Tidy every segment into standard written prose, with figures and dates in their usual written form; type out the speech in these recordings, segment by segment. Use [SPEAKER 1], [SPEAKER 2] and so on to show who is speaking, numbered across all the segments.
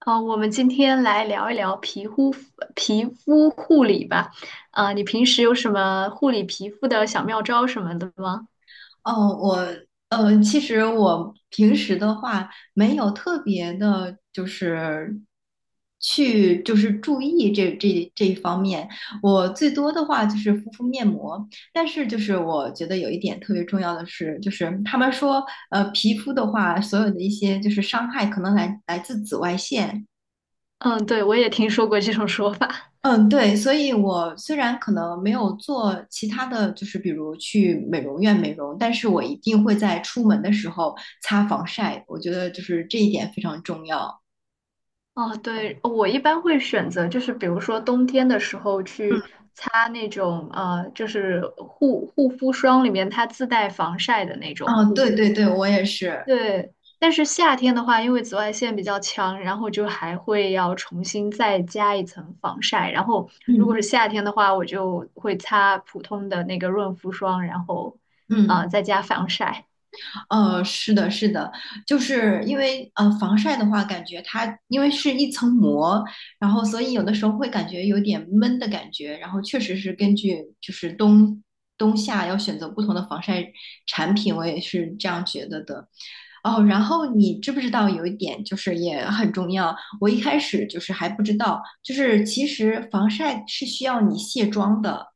[SPEAKER 1] 我们今天来聊一聊皮肤护理吧。啊，你平时有什么护理皮肤的小妙招什么的吗？
[SPEAKER 2] 哦，我其实我平时的话没有特别的，就是去就是注意这一方面。我最多的话就是敷敷面膜，但是就是我觉得有一点特别重要的是，就是他们说皮肤的话，所有的一些就是伤害可能来自紫外线，
[SPEAKER 1] 嗯，对，我也听说过这种说法。
[SPEAKER 2] 嗯，对，所以我虽然可能没有做其他的就是，比如去美容院美容，但是我一定会在出门的时候擦防晒，我觉得就是这一点非常重要。
[SPEAKER 1] 哦，对，我一般会选择就是比如说冬天的时候去擦那种就是护肤霜里面它自带防晒的那种
[SPEAKER 2] 嗯，哦，
[SPEAKER 1] 护
[SPEAKER 2] 对
[SPEAKER 1] 肤。
[SPEAKER 2] 对对，我也是。
[SPEAKER 1] 对，但是夏天的话，因为紫外线比较强，然后就还会要重新再加一层防晒。然后如
[SPEAKER 2] 嗯
[SPEAKER 1] 果是夏天的话，我就会擦普通的那个润肤霜，然后
[SPEAKER 2] 嗯。
[SPEAKER 1] 再加防晒。
[SPEAKER 2] 是的，是的，就是因为防晒的话，感觉它因为是一层膜，然后所以有的时候会感觉有点闷的感觉，然后确实是根据就是夏要选择不同的防晒产品，我也是这样觉得的。哦，然后你知不知道有一点就是也很重要，我一开始就是还不知道，就是其实防晒是需要你卸妆的，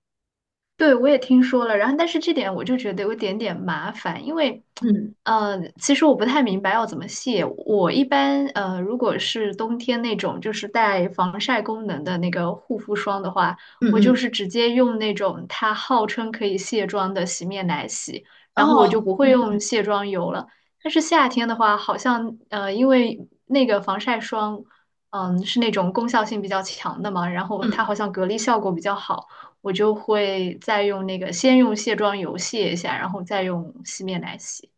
[SPEAKER 1] 对，我也听说了，然后但是这点我就觉得有一点点麻烦，因为，
[SPEAKER 2] 嗯
[SPEAKER 1] 其实我不太明白要怎么卸。我一般如果是冬天那种就是带防晒功能的那个护肤霜的话，
[SPEAKER 2] 嗯
[SPEAKER 1] 我就
[SPEAKER 2] 嗯，
[SPEAKER 1] 是直接用那种它号称可以卸妆的洗面奶洗，然后我
[SPEAKER 2] 哦，
[SPEAKER 1] 就不会
[SPEAKER 2] 嗯嗯
[SPEAKER 1] 用卸妆油了。但是夏天的话，好像因为那个防晒霜，是那种功效性比较强的嘛，然后它
[SPEAKER 2] 嗯。
[SPEAKER 1] 好像隔离效果比较好。我就会再用那个先用卸妆油卸一下，然后再用洗面奶洗。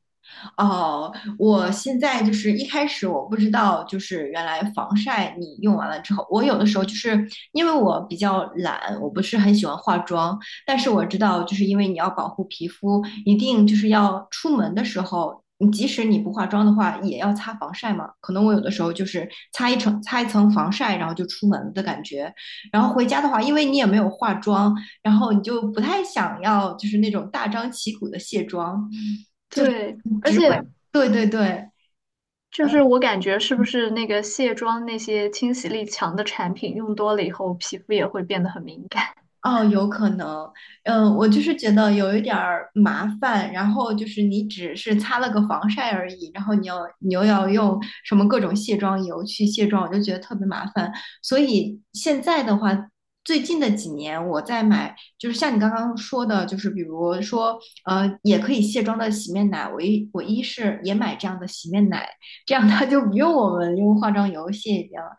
[SPEAKER 2] 哦，我现在就是一开始我不知道，就是原来防晒你用完了之后，我有的时候就是因为我比较懒，我不是很喜欢化妆，但是我知道，就是因为你要保护皮肤，一定就是要出门的时候，你即使你不化妆的话，也要擦防晒嘛。可能我有的时候就是擦一层防晒，然后就出门的感觉。然后回家的话，因为你也没有化妆，然后你就不太想要就是那种大张旗鼓的卸妆。
[SPEAKER 1] 对，而
[SPEAKER 2] 只
[SPEAKER 1] 且
[SPEAKER 2] 会，对对对，
[SPEAKER 1] 就是我感觉是不是那个卸妆那些清洗力强的产品用多了以后，皮肤也会变得很敏感。
[SPEAKER 2] 哦，有可能，嗯，我就是觉得有一点儿麻烦，然后就是你只是擦了个防晒而已，然后你又要用什么各种卸妆油去卸妆，我就觉得特别麻烦。所以现在的话，最近的几年我在买，就是像你刚刚说的，就是比如说，也可以卸妆的洗面奶，我是也买这样的洗面奶，这样它就不用我们用化妆油卸一遍了。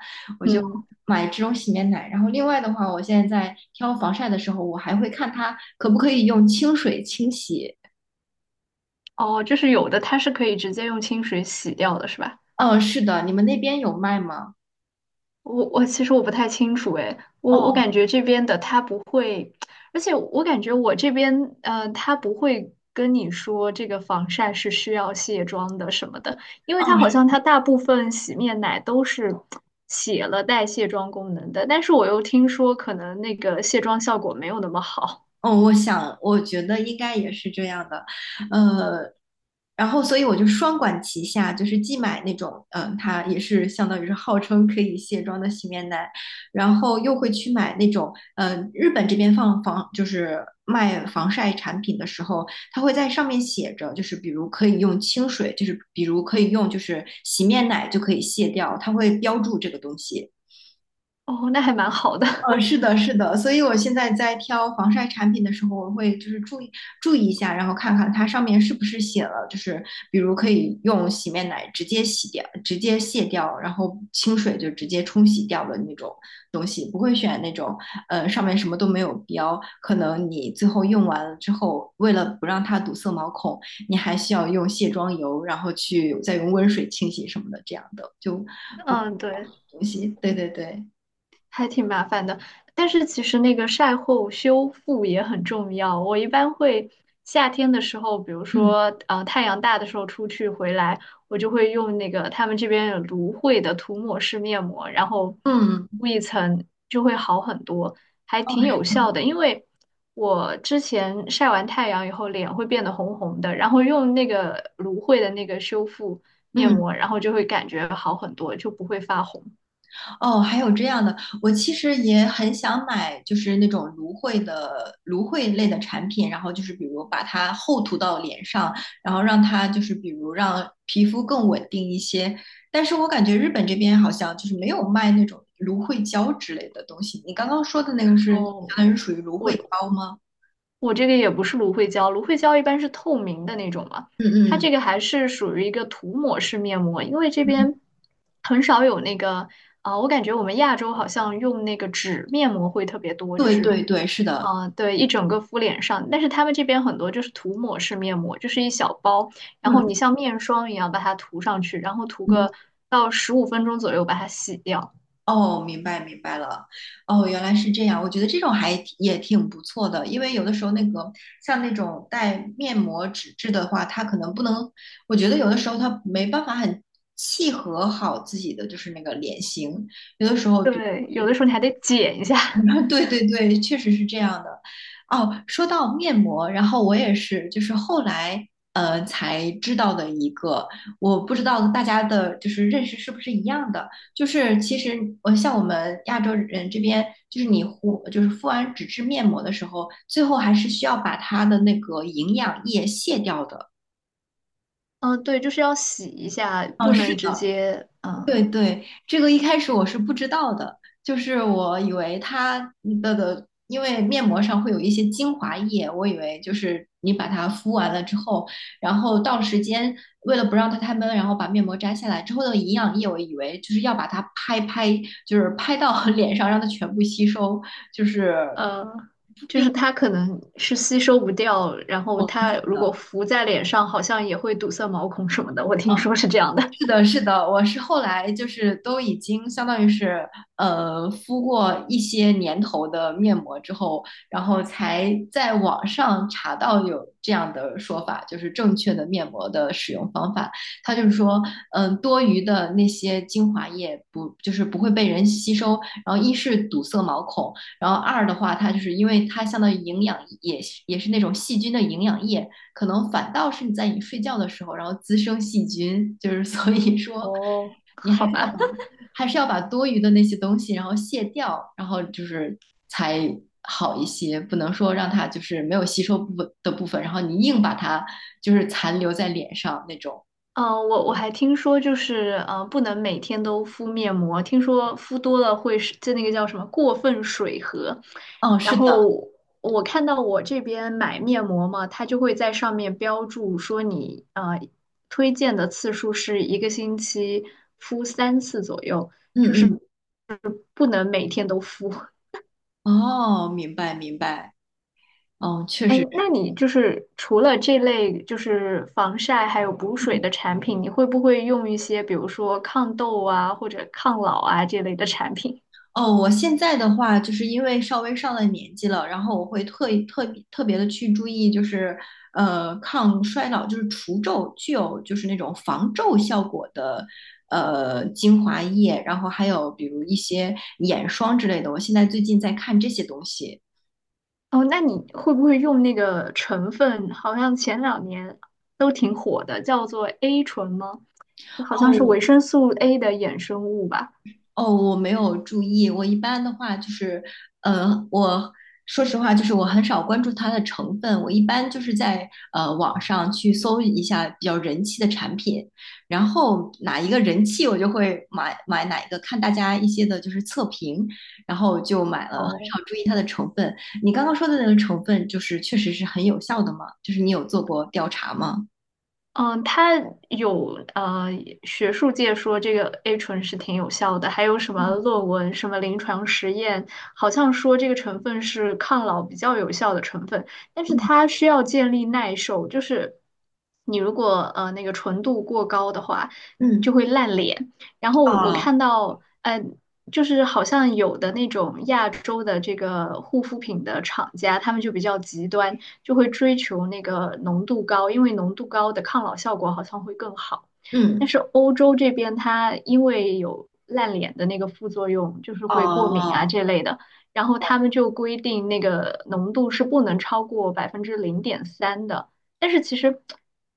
[SPEAKER 1] 嗯，
[SPEAKER 2] 买这种洗面奶。然后另外的话，我现在在挑防晒的时候，我还会看它可不可以用清水清洗。
[SPEAKER 1] 哦，就是有的它是可以直接用清水洗掉的，是吧？
[SPEAKER 2] 嗯，是的，你们那边有卖吗？
[SPEAKER 1] 我其实我不太清楚诶，我
[SPEAKER 2] 哦
[SPEAKER 1] 感觉这边的他不会，而且我感觉我这边他不会跟你说这个防晒是需要卸妆的什么的，因为
[SPEAKER 2] 哦，
[SPEAKER 1] 他好像他大部分洗面奶都是写了带卸妆功能的，但是我又听说可能那个卸妆效果没有那么好，
[SPEAKER 2] 哦，我想，我觉得应该也是这样的，呃，然后所以我就双管齐下，就是既买那种，嗯、它也是相当于是号称可以卸妆的洗面奶，然后又会去买那种，日本这边就是卖防晒产品的时候，它会在上面写着，就是比如可以用清水，就是比如可以用就是洗面奶就可以卸掉，它会标注这个东西。
[SPEAKER 1] 哦，那还蛮好的，
[SPEAKER 2] 嗯，是 的，是的，所以我现在在挑防晒产品的时候，我会就是注意一下，然后看看它上面是不是写了，就是比如可以用洗面奶直接洗掉、直接卸掉，然后清水就直接冲洗掉的那种东西，不会选那种上面什么都没有标，可能你最后用完了之后，为了不让它堵塞毛孔，你还需要用卸妆油，然后去再用温水清洗什么的，这样的就不
[SPEAKER 1] 嗯，对。
[SPEAKER 2] 东西。对对对，
[SPEAKER 1] 还挺麻烦的。但是其实那个晒后修复也很重要。我一般会夏天的时候，比如
[SPEAKER 2] 嗯
[SPEAKER 1] 说太阳大的时候出去回来，我就会用那个他们这边有芦荟的涂抹式面膜，然后
[SPEAKER 2] 嗯。
[SPEAKER 1] 敷一层就会好很多，还挺有效的。因为我之前晒完太阳以后脸会变得红红的，然后用那个芦荟的那个修复面
[SPEAKER 2] 嗯，
[SPEAKER 1] 膜，然后就会感觉好很多，就不会发红。
[SPEAKER 2] 哦，还有这样的，我其实也很想买，就是那种芦荟类的产品，然后就是比如把它厚涂到脸上，然后让它就是比如让皮肤更稳定一些。但是我感觉日本这边好像就是没有卖那种芦荟胶之类的东西。你刚刚说的那个是相
[SPEAKER 1] 哦，
[SPEAKER 2] 当于属于芦荟胶吗？
[SPEAKER 1] 我这个也不是芦荟胶，芦荟胶一般是透明的那种嘛，
[SPEAKER 2] 嗯
[SPEAKER 1] 它
[SPEAKER 2] 嗯，
[SPEAKER 1] 这个还是属于一个涂抹式面膜，因为这
[SPEAKER 2] 嗯
[SPEAKER 1] 边很少有那个啊、我感觉我们亚洲好像用那个纸面膜会特别多，就
[SPEAKER 2] 对
[SPEAKER 1] 是
[SPEAKER 2] 对对，是的，
[SPEAKER 1] 啊，对，一整个敷脸上，但是他们这边很多就是涂抹式面膜，就是一小包，然后你
[SPEAKER 2] 嗯
[SPEAKER 1] 像面霜一样把它涂上去，然后涂
[SPEAKER 2] 嗯。
[SPEAKER 1] 个到15分钟左右把它洗掉，
[SPEAKER 2] 哦，明白明白了，哦，原来是这样。我觉得这种还挺也挺不错的，因为有的时候那个像那种带面膜纸质的话，它可能不能，我觉得有的时候它没办法很契合好自己的就是那个脸型，有的时候比。
[SPEAKER 1] 对，有的时候你还得剪一下。
[SPEAKER 2] 对对对，确实是这样的。哦，说到面膜，然后我也是，就是后来才知道的一个，我不知道大家的就是认识是不是一样的。就是其实像我们亚洲人这边，就是就是敷完纸质面膜的时候，最后还是需要把它的那个营养液卸掉的。
[SPEAKER 1] 嗯，对，就是要洗一下，不
[SPEAKER 2] 哦，
[SPEAKER 1] 能
[SPEAKER 2] 是
[SPEAKER 1] 直
[SPEAKER 2] 的。
[SPEAKER 1] 接
[SPEAKER 2] 对对，这个一开始我是不知道的，就是我以为它的，因为面膜上会有一些精华液，我以为就是你把它敷完了之后，然后到时间为了不让它太闷，然后把面膜摘下来之后的营养液，我以为就是要把它拍，就是拍到 脸上让它全部吸收，就是。
[SPEAKER 1] 呃，就是它可能是吸收不掉，然后
[SPEAKER 2] 哦
[SPEAKER 1] 它
[SPEAKER 2] 是
[SPEAKER 1] 如果
[SPEAKER 2] 的
[SPEAKER 1] 浮在脸上，好像也会堵塞毛孔什么的，我听
[SPEAKER 2] 嗯
[SPEAKER 1] 说是这样的。
[SPEAKER 2] 是的，是的，我是后来就是都已经相当于是敷过一些年头的面膜之后，然后才在网上查到有这样的说法，就是正确的面膜的使用方法。它就是说，嗯、多余的那些精华液不就是不会被人吸收，然后一是堵塞毛孔，然后二的话，它就是因为它相当于营养也是那种细菌的营养液，可能反倒是你在你睡觉的时候，然后滋生细菌，就是所以 说
[SPEAKER 1] 哦，
[SPEAKER 2] 你还
[SPEAKER 1] 好
[SPEAKER 2] 是要
[SPEAKER 1] 吧，
[SPEAKER 2] 把多余的那些东西然后卸掉，然后就是才好一些，不能说让它就是没有吸收部分，然后你硬把它就是残留在脸上那种。
[SPEAKER 1] 我还听说就是不能每天都敷面膜，听说敷多了会是就那个叫什么过分水合，
[SPEAKER 2] 哦，
[SPEAKER 1] 然
[SPEAKER 2] 是的，
[SPEAKER 1] 后。我看到我这边买面膜嘛，它就会在上面标注说你推荐的次数是一个星期敷3次左右。
[SPEAKER 2] 嗯
[SPEAKER 1] 就是。
[SPEAKER 2] 嗯，
[SPEAKER 1] 不能每天都敷。
[SPEAKER 2] 哦，明白明白，嗯，确
[SPEAKER 1] 哎，
[SPEAKER 2] 实。
[SPEAKER 1] 那你就是除了这类就是防晒还有补水的产品，你会不会用一些比如说抗痘啊或者抗老啊这类的产品？
[SPEAKER 2] 哦，我现在的话，就是因为稍微上了年纪了，然后我会特意特别的去注意，就是抗衰老，就是除皱，具有就是那种防皱效果的精华液，然后还有比如一些眼霜之类的，我现在最近在看这些东西。
[SPEAKER 1] 哦，那你会不会用那个成分？好像前两年都挺火的，叫做 A 醇吗？好像是
[SPEAKER 2] 哦，
[SPEAKER 1] 维生素 A 的衍生物吧？
[SPEAKER 2] 哦，我没有注意。我一般的话就是，呃，我说实话，就是我很少关注它的成分。我一般就是在网上去搜一下比较人气的产品，然后哪一个人气，我就会买哪一个，看大家一些的就是测评，然后就买了，很
[SPEAKER 1] 哦，
[SPEAKER 2] 少注意它的成分。你刚刚说的那个成分，就是确实是很有效的吗？就是你有做过调查吗？
[SPEAKER 1] 嗯，它有学术界说这个 A 醇是挺有效的，还有什么
[SPEAKER 2] 嗯
[SPEAKER 1] 论文、什么临床实验，好像说这个成分是抗老比较有效的成分，但是
[SPEAKER 2] 嗯
[SPEAKER 1] 它需要建立耐受，就是你如果那个纯度过高的话，就
[SPEAKER 2] 嗯，
[SPEAKER 1] 会烂脸。然后我
[SPEAKER 2] 啊，
[SPEAKER 1] 看到，就是好像有的那种亚洲的这个护肤品的厂家，他们就比较极端。就会追求那个浓度高，因为浓度高的抗老效果好像会更好。但
[SPEAKER 2] 嗯。
[SPEAKER 1] 是欧洲这边它因为有烂脸的那个副作用，就是会过敏啊
[SPEAKER 2] 哦，
[SPEAKER 1] 这类的，然后他们就规定那个浓度是不能超过百分之零点三的。但是其实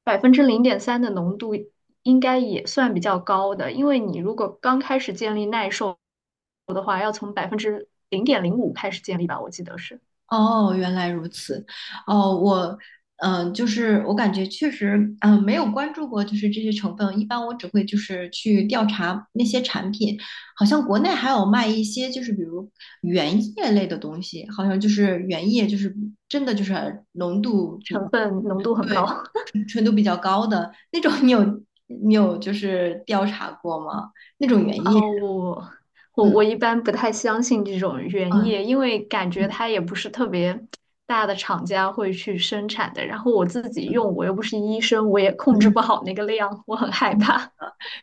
[SPEAKER 1] 百分之零点三的浓度应该也算比较高的，因为你如果刚开始建立耐受的话，要从0.05%开始建立吧，我记得是
[SPEAKER 2] 哦，原来如此。哦，我，嗯、就是我感觉确实，嗯、没有关注过，就是这些成分。一般我只会就是去调查那些产品，好像国内还有卖一些，就是比如原液类的东西，好像就是原液，就是真的就是浓度比
[SPEAKER 1] 成
[SPEAKER 2] 较，
[SPEAKER 1] 分浓度很高。
[SPEAKER 2] 对，纯度比较高的那种。你有就是调查过吗？那种原液？
[SPEAKER 1] 哦，我我
[SPEAKER 2] 嗯
[SPEAKER 1] 我一般不太相信这种原
[SPEAKER 2] 嗯
[SPEAKER 1] 液，因为感觉
[SPEAKER 2] 嗯
[SPEAKER 1] 它也不是特别大的厂家会去生产的。然后我自己用，我又不是医生，我也控制
[SPEAKER 2] 嗯。
[SPEAKER 1] 不好那个量，我很害
[SPEAKER 2] 嗯
[SPEAKER 1] 怕。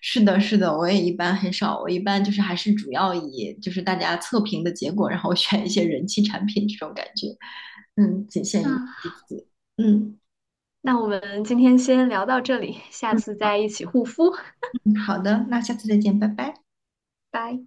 [SPEAKER 2] 是的，是的，我也一般很少，我一般就是还是主要以就是大家测评的结果，然后 选一些人气产品这种感觉，嗯，仅限
[SPEAKER 1] 嗯，
[SPEAKER 2] 于此，嗯
[SPEAKER 1] 那我们今天先聊到这里，下
[SPEAKER 2] 嗯，
[SPEAKER 1] 次再
[SPEAKER 2] 好，
[SPEAKER 1] 一起护肤，
[SPEAKER 2] 嗯，好的，那下次再见，拜拜。
[SPEAKER 1] 拜。